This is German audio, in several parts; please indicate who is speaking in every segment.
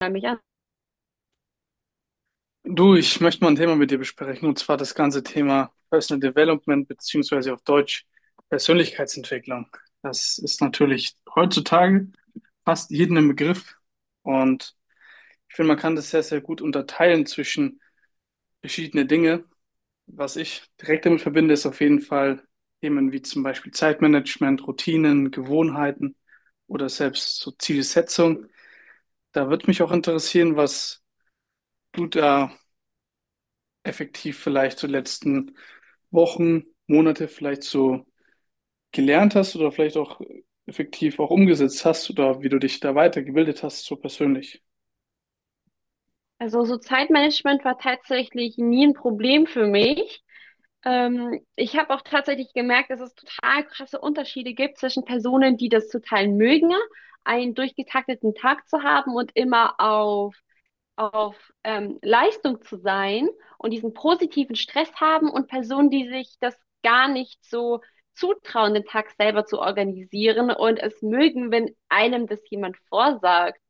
Speaker 1: Mal mich an.
Speaker 2: Du, ich möchte mal ein Thema mit dir besprechen, und zwar das ganze Thema Personal Development beziehungsweise auf Deutsch Persönlichkeitsentwicklung. Das ist natürlich heutzutage fast jedem ein Begriff und ich finde, man kann das sehr, sehr gut unterteilen zwischen verschiedene Dinge. Was ich direkt damit verbinde, ist auf jeden Fall Themen wie zum Beispiel Zeitmanagement, Routinen, Gewohnheiten oder selbst so Zielsetzung. Da würde mich auch interessieren, was du da effektiv vielleicht so letzten Wochen, Monate vielleicht so gelernt hast oder vielleicht auch effektiv auch umgesetzt hast oder wie du dich da weitergebildet hast, so persönlich?
Speaker 1: Also so Zeitmanagement war tatsächlich nie ein Problem für mich. Ich habe auch tatsächlich gemerkt, dass es total krasse Unterschiede gibt zwischen Personen, die das total mögen, einen durchgetakteten Tag zu haben und immer auf Leistung zu sein und diesen positiven Stress haben, und Personen, die sich das gar nicht so zutrauen, den Tag selber zu organisieren und es mögen, wenn einem das jemand vorsagt.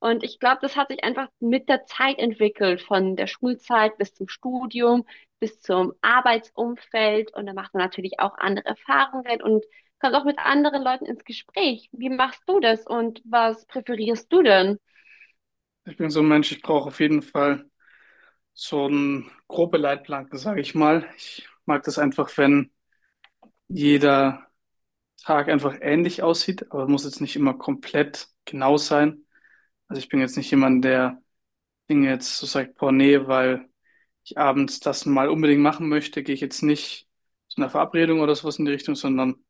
Speaker 1: Und ich glaube, das hat sich einfach mit der Zeit entwickelt, von der Schulzeit bis zum Studium, bis zum Arbeitsumfeld. Und da macht man natürlich auch andere Erfahrungen und kommt auch mit anderen Leuten ins Gespräch. Wie machst du das, und was präferierst du denn?
Speaker 2: Ich bin so ein Mensch, ich brauche auf jeden Fall so einen grobe Leitplanken, sage ich mal. Ich mag das einfach, wenn jeder Tag einfach ähnlich aussieht, aber muss jetzt nicht immer komplett genau sein. Also ich bin jetzt nicht jemand, der Dinge jetzt so sagt, boah, nee, weil ich abends das mal unbedingt machen möchte, gehe ich jetzt nicht zu einer Verabredung oder sowas in die Richtung, sondern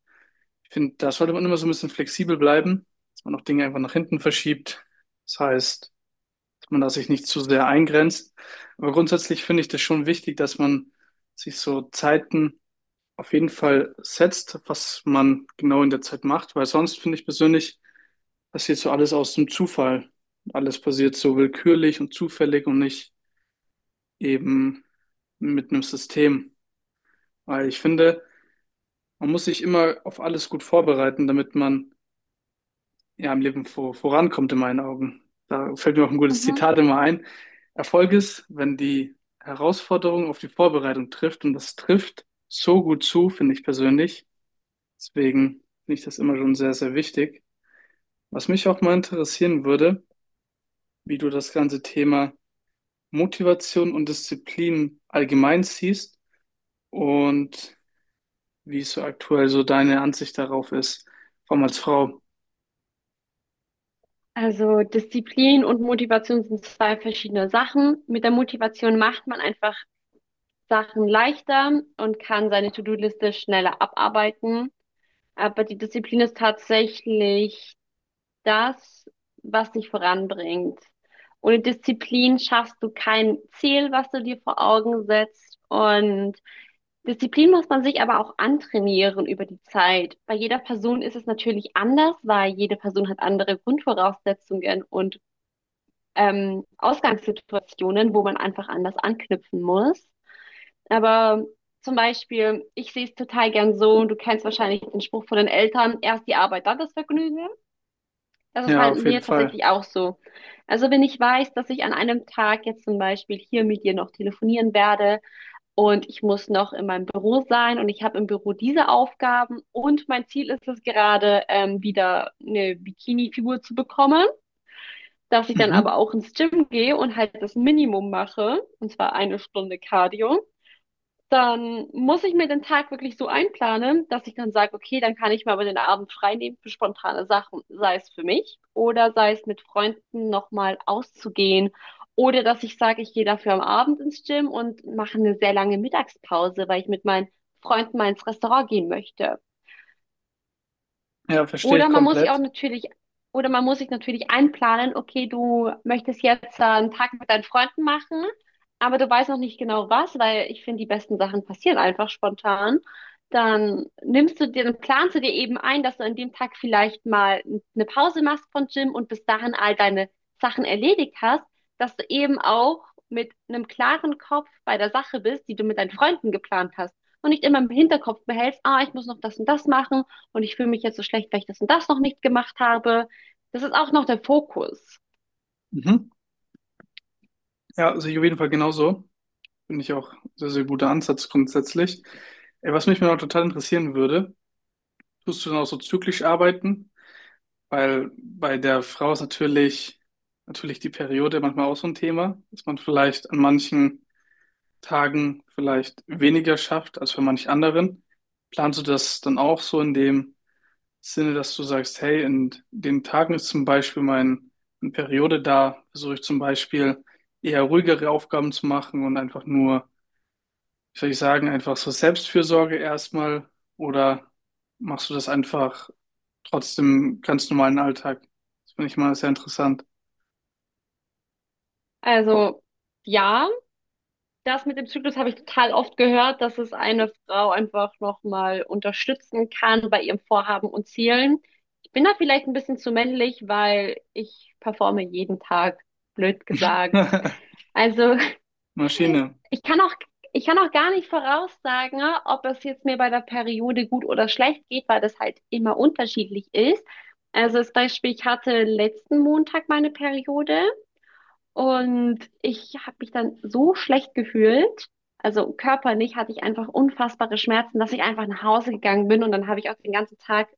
Speaker 2: ich finde, da sollte man immer so ein bisschen flexibel bleiben, dass man auch Dinge einfach nach hinten verschiebt. Das heißt, dass man da sich nicht zu sehr eingrenzt. Aber grundsätzlich finde ich das schon wichtig, dass man sich so Zeiten auf jeden Fall setzt, was man genau in der Zeit macht, weil sonst finde ich persönlich, passiert so alles aus dem Zufall. Alles passiert so willkürlich und zufällig und nicht eben mit einem System. Weil ich finde, man muss sich immer auf alles gut vorbereiten, damit man ja im Leben vorankommt, in meinen Augen. Da fällt mir auch ein gutes
Speaker 1: Mhm.
Speaker 2: Zitat immer ein. Erfolg ist, wenn die Herausforderung auf die Vorbereitung trifft und das trifft so gut zu, finde ich persönlich. Deswegen finde ich das immer schon sehr, sehr wichtig. Was mich auch mal interessieren würde, wie du das ganze Thema Motivation und Disziplin allgemein siehst und wie es so aktuell so deine Ansicht darauf ist, vor allem als Frau.
Speaker 1: Also Disziplin und Motivation sind zwei verschiedene Sachen. Mit der Motivation macht man einfach Sachen leichter und kann seine To-Do-Liste schneller abarbeiten. Aber die Disziplin ist tatsächlich das, was dich voranbringt. Ohne Disziplin schaffst du kein Ziel, was du dir vor Augen setzt. Und Disziplin muss man sich aber auch antrainieren über die Zeit. Bei jeder Person ist es natürlich anders, weil jede Person hat andere Grundvoraussetzungen und Ausgangssituationen, wo man einfach anders anknüpfen muss. Aber zum Beispiel, ich sehe es total gern so, und du kennst wahrscheinlich den Spruch von den Eltern: erst die Arbeit, dann das Vergnügen. Das ist
Speaker 2: Ja,
Speaker 1: bei
Speaker 2: auf jeden
Speaker 1: mir
Speaker 2: Fall.
Speaker 1: tatsächlich auch so. Also wenn ich weiß, dass ich an einem Tag jetzt zum Beispiel hier mit dir noch telefonieren werde und ich muss noch in meinem Büro sein und ich habe im Büro diese Aufgaben und mein Ziel ist es gerade, wieder eine Bikini-Figur zu bekommen, dass ich dann aber
Speaker 2: Mhm.
Speaker 1: auch ins Gym gehe und halt das Minimum mache, und zwar eine Stunde Cardio, dann muss ich mir den Tag wirklich so einplanen, dass ich dann sage, okay, dann kann ich mir aber den Abend frei nehmen für spontane Sachen, sei es für mich oder sei es mit Freunden nochmal auszugehen. Oder dass ich sage, ich gehe dafür am Abend ins Gym und mache eine sehr lange Mittagspause, weil ich mit meinen Freunden mal ins Restaurant gehen möchte.
Speaker 2: Ja, verstehe ich
Speaker 1: Oder man muss sich auch
Speaker 2: komplett.
Speaker 1: natürlich, oder man muss sich natürlich einplanen, okay, du möchtest jetzt einen Tag mit deinen Freunden machen, aber du weißt noch nicht genau was, weil ich finde, die besten Sachen passieren einfach spontan. Dann planst du dir eben ein, dass du an dem Tag vielleicht mal eine Pause machst vom Gym und bis dahin all deine Sachen erledigt hast, dass du eben auch mit einem klaren Kopf bei der Sache bist, die du mit deinen Freunden geplant hast und nicht immer im Hinterkopf behältst: ah, ich muss noch das und das machen und ich fühle mich jetzt so schlecht, weil ich das und das noch nicht gemacht habe. Das ist auch noch der Fokus.
Speaker 2: Mhm. Ja, also ich auf jeden Fall genauso. Finde ich auch sehr, sehr guter Ansatz grundsätzlich. Ey, was mich mal total interessieren würde, tust du dann auch so zyklisch arbeiten? Weil bei der Frau ist natürlich die Periode manchmal auch so ein Thema, dass man vielleicht an manchen Tagen vielleicht weniger schafft als bei manch anderen. Planst du das dann auch so in dem Sinne, dass du sagst, hey, in den Tagen ist zum Beispiel meine Periode da, versuche ich zum Beispiel eher ruhigere Aufgaben zu machen und einfach nur, wie soll ich sagen, einfach so Selbstfürsorge erstmal oder machst du das einfach trotzdem ganz normalen Alltag? Das finde ich mal sehr interessant.
Speaker 1: Also ja, das mit dem Zyklus habe ich total oft gehört, dass es eine Frau einfach nochmal unterstützen kann bei ihrem Vorhaben und Zielen. Ich bin da vielleicht ein bisschen zu männlich, weil ich performe jeden Tag, blöd gesagt. Also
Speaker 2: Maschine.
Speaker 1: Ich kann auch, ich kann auch gar nicht voraussagen, ne, ob es jetzt mir bei der Periode gut oder schlecht geht, weil das halt immer unterschiedlich ist. Also das Beispiel: ich hatte letzten Montag meine Periode und ich habe mich dann so schlecht gefühlt, also körperlich hatte ich einfach unfassbare Schmerzen, dass ich einfach nach Hause gegangen bin und dann habe ich auch den ganzen Tag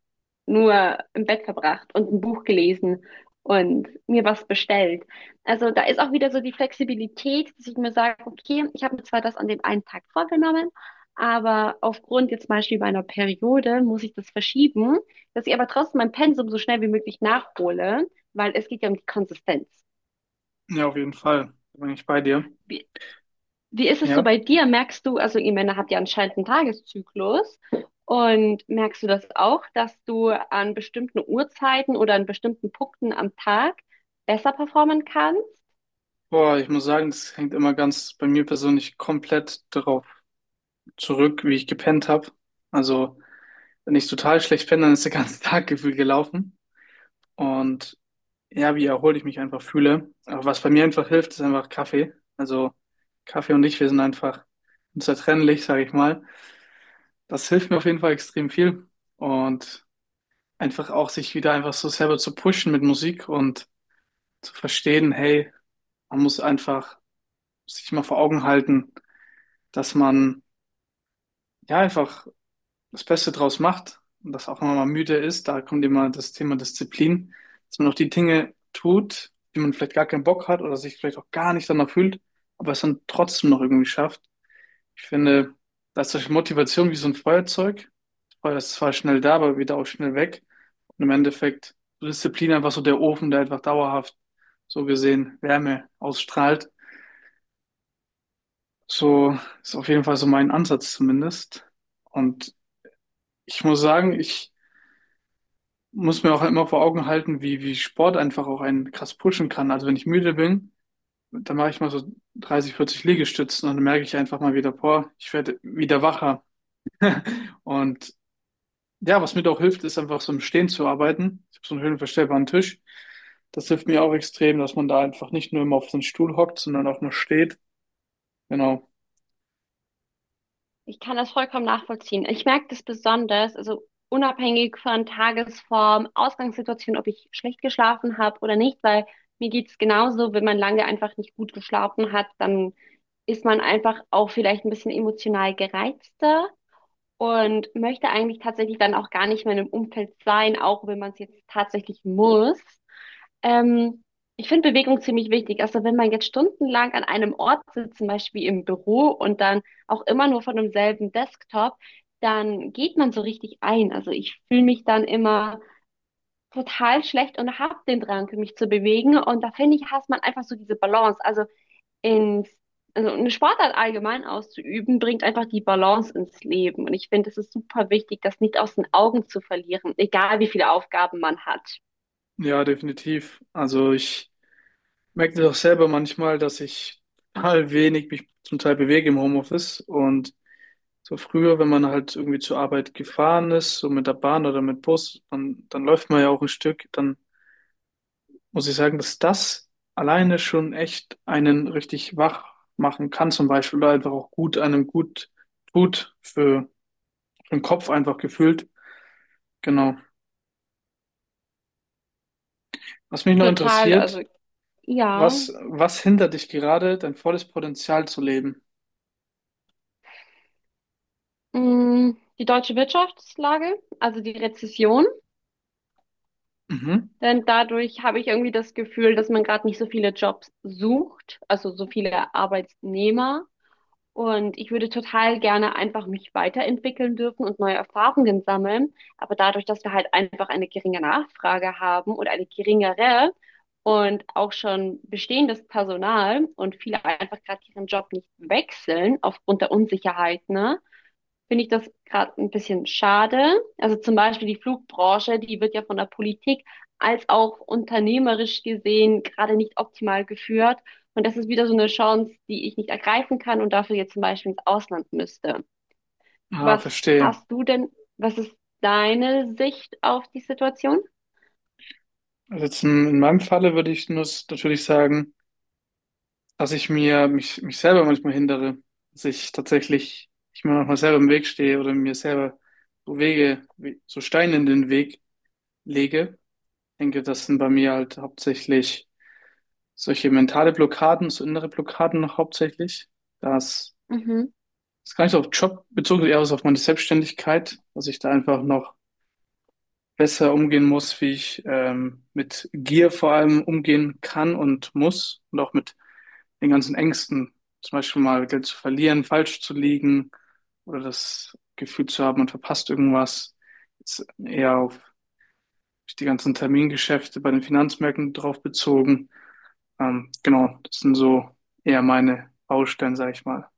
Speaker 1: nur im Bett verbracht und ein Buch gelesen und mir was bestellt. Also da ist auch wieder so die Flexibilität, dass ich mir sage, okay, ich habe mir zwar das an dem einen Tag vorgenommen, aber aufgrund jetzt zum Beispiel meiner Periode muss ich das verschieben, dass ich aber trotzdem mein Pensum so schnell wie möglich nachhole, weil es geht ja um die Konsistenz.
Speaker 2: Ja, auf jeden Fall. Da bin ich bei dir.
Speaker 1: Wie ist es so
Speaker 2: Ja.
Speaker 1: bei dir? Merkst du, also ihr Männer habt ja anscheinend einen Tageszyklus, und merkst du das auch, dass du an bestimmten Uhrzeiten oder an bestimmten Punkten am Tag besser performen kannst?
Speaker 2: Boah, ich muss sagen, das hängt immer ganz bei mir persönlich komplett darauf zurück, wie ich gepennt habe. Also, wenn ich total schlecht bin, dann ist der ganze Tag gefühlt gelaufen. Und ja, wie erholt ich mich einfach fühle. Aber was bei mir einfach hilft, ist einfach Kaffee. Also Kaffee und ich, wir sind einfach unzertrennlich, sage ich mal. Das hilft mir auf jeden Fall extrem viel. Und einfach auch sich wieder einfach so selber zu pushen mit Musik und zu verstehen, hey, man muss einfach sich mal vor Augen halten, dass man ja einfach das Beste draus macht und das auch nochmal müde ist, da kommt immer das Thema Disziplin, dass man auch die Dinge tut, die man vielleicht gar keinen Bock hat oder sich vielleicht auch gar nicht danach fühlt, aber es dann trotzdem noch irgendwie schafft. Ich finde, da ist solche Motivation wie so ein Feuerzeug. Das Feuer ist zwar schnell da, aber wieder auch schnell weg. Und im Endeffekt so Disziplin einfach so der Ofen, der einfach dauerhaft so gesehen Wärme ausstrahlt. So ist auf jeden Fall so mein Ansatz zumindest. Und ich muss sagen, ich muss mir auch immer vor Augen halten, wie Sport einfach auch einen krass pushen kann. Also wenn ich müde bin, dann mache ich mal so 30, 40 Liegestützen und dann merke ich einfach mal wieder, boah, ich werde wieder wacher. Und ja, was mir da auch hilft, ist einfach so im Stehen zu arbeiten. Ich habe so einen höhenverstellbaren Tisch. Das hilft mir auch extrem, dass man da einfach nicht nur immer auf so einen Stuhl hockt, sondern auch mal steht. Genau.
Speaker 1: Ich kann das vollkommen nachvollziehen. Ich merke das besonders, also unabhängig von Tagesform, Ausgangssituation, ob ich schlecht geschlafen habe oder nicht, weil mir geht's genauso. Wenn man lange einfach nicht gut geschlafen hat, dann ist man einfach auch vielleicht ein bisschen emotional gereizter und möchte eigentlich tatsächlich dann auch gar nicht mehr in einem Umfeld sein, auch wenn man es jetzt tatsächlich muss. Ähm, Ich finde Bewegung ziemlich wichtig. Also wenn man jetzt stundenlang an einem Ort sitzt, zum Beispiel im Büro, und dann auch immer nur von demselben Desktop, dann geht man so richtig ein. Also ich fühle mich dann immer total schlecht und habe den Drang, mich zu bewegen. Und da finde ich, hasst man einfach so diese Balance. Ins, also eine Sportart allgemein auszuüben, bringt einfach die Balance ins Leben. Und ich finde, es ist super wichtig, das nicht aus den Augen zu verlieren, egal wie viele Aufgaben man hat.
Speaker 2: Ja, definitiv. Also ich merke das auch selber manchmal, dass ich total wenig mich zum Teil bewege im Homeoffice und so früher, wenn man halt irgendwie zur Arbeit gefahren ist, so mit der Bahn oder mit Bus, dann läuft man ja auch ein Stück, dann muss ich sagen, dass das alleine schon echt einen richtig wach machen kann, zum Beispiel, oder einfach auch gut einem gut tut für den Kopf einfach gefühlt. Genau. Was mich noch
Speaker 1: Total, also
Speaker 2: interessiert,
Speaker 1: ja.
Speaker 2: was hindert dich gerade, dein volles Potenzial zu leben?
Speaker 1: Mm, die deutsche Wirtschaftslage, also die Rezession,
Speaker 2: Mhm.
Speaker 1: denn dadurch habe ich irgendwie das Gefühl, dass man gerade nicht so viele Jobs sucht, also so viele Arbeitnehmer. Und ich würde total gerne einfach mich weiterentwickeln dürfen und neue Erfahrungen sammeln. Aber dadurch, dass wir halt einfach eine geringe Nachfrage haben und eine geringere und auch schon bestehendes Personal, und viele einfach gerade ihren Job nicht wechseln aufgrund der Unsicherheit, ne, finde ich das gerade ein bisschen schade. Also zum Beispiel die Flugbranche, die wird ja von der Politik als auch unternehmerisch gesehen gerade nicht optimal geführt. Und das ist wieder so eine Chance, die ich nicht ergreifen kann und dafür jetzt zum Beispiel ins Ausland müsste.
Speaker 2: Ah,
Speaker 1: Was
Speaker 2: verstehe.
Speaker 1: hast du denn, was ist deine Sicht auf die Situation?
Speaker 2: Also jetzt in meinem Falle würde ich nur natürlich sagen, dass ich mich selber manchmal hindere, dass ich tatsächlich, ich mir manchmal selber im Weg stehe oder mir selber so so Steine in den Weg lege. Ich denke, das sind bei mir halt hauptsächlich solche mentale Blockaden, so innere Blockaden noch hauptsächlich. Das
Speaker 1: Mhm.
Speaker 2: ist gar nicht so auf Job bezogen, eher so auf meine Selbstständigkeit, dass ich da einfach noch besser umgehen muss, wie ich mit Gier vor allem umgehen kann und muss und auch mit den ganzen Ängsten, zum Beispiel mal Geld zu verlieren, falsch zu liegen oder das Gefühl zu haben, man verpasst irgendwas. Jetzt eher auf die ganzen Termingeschäfte bei den Finanzmärkten drauf bezogen. Genau, das sind so eher meine Baustellen, sage ich mal.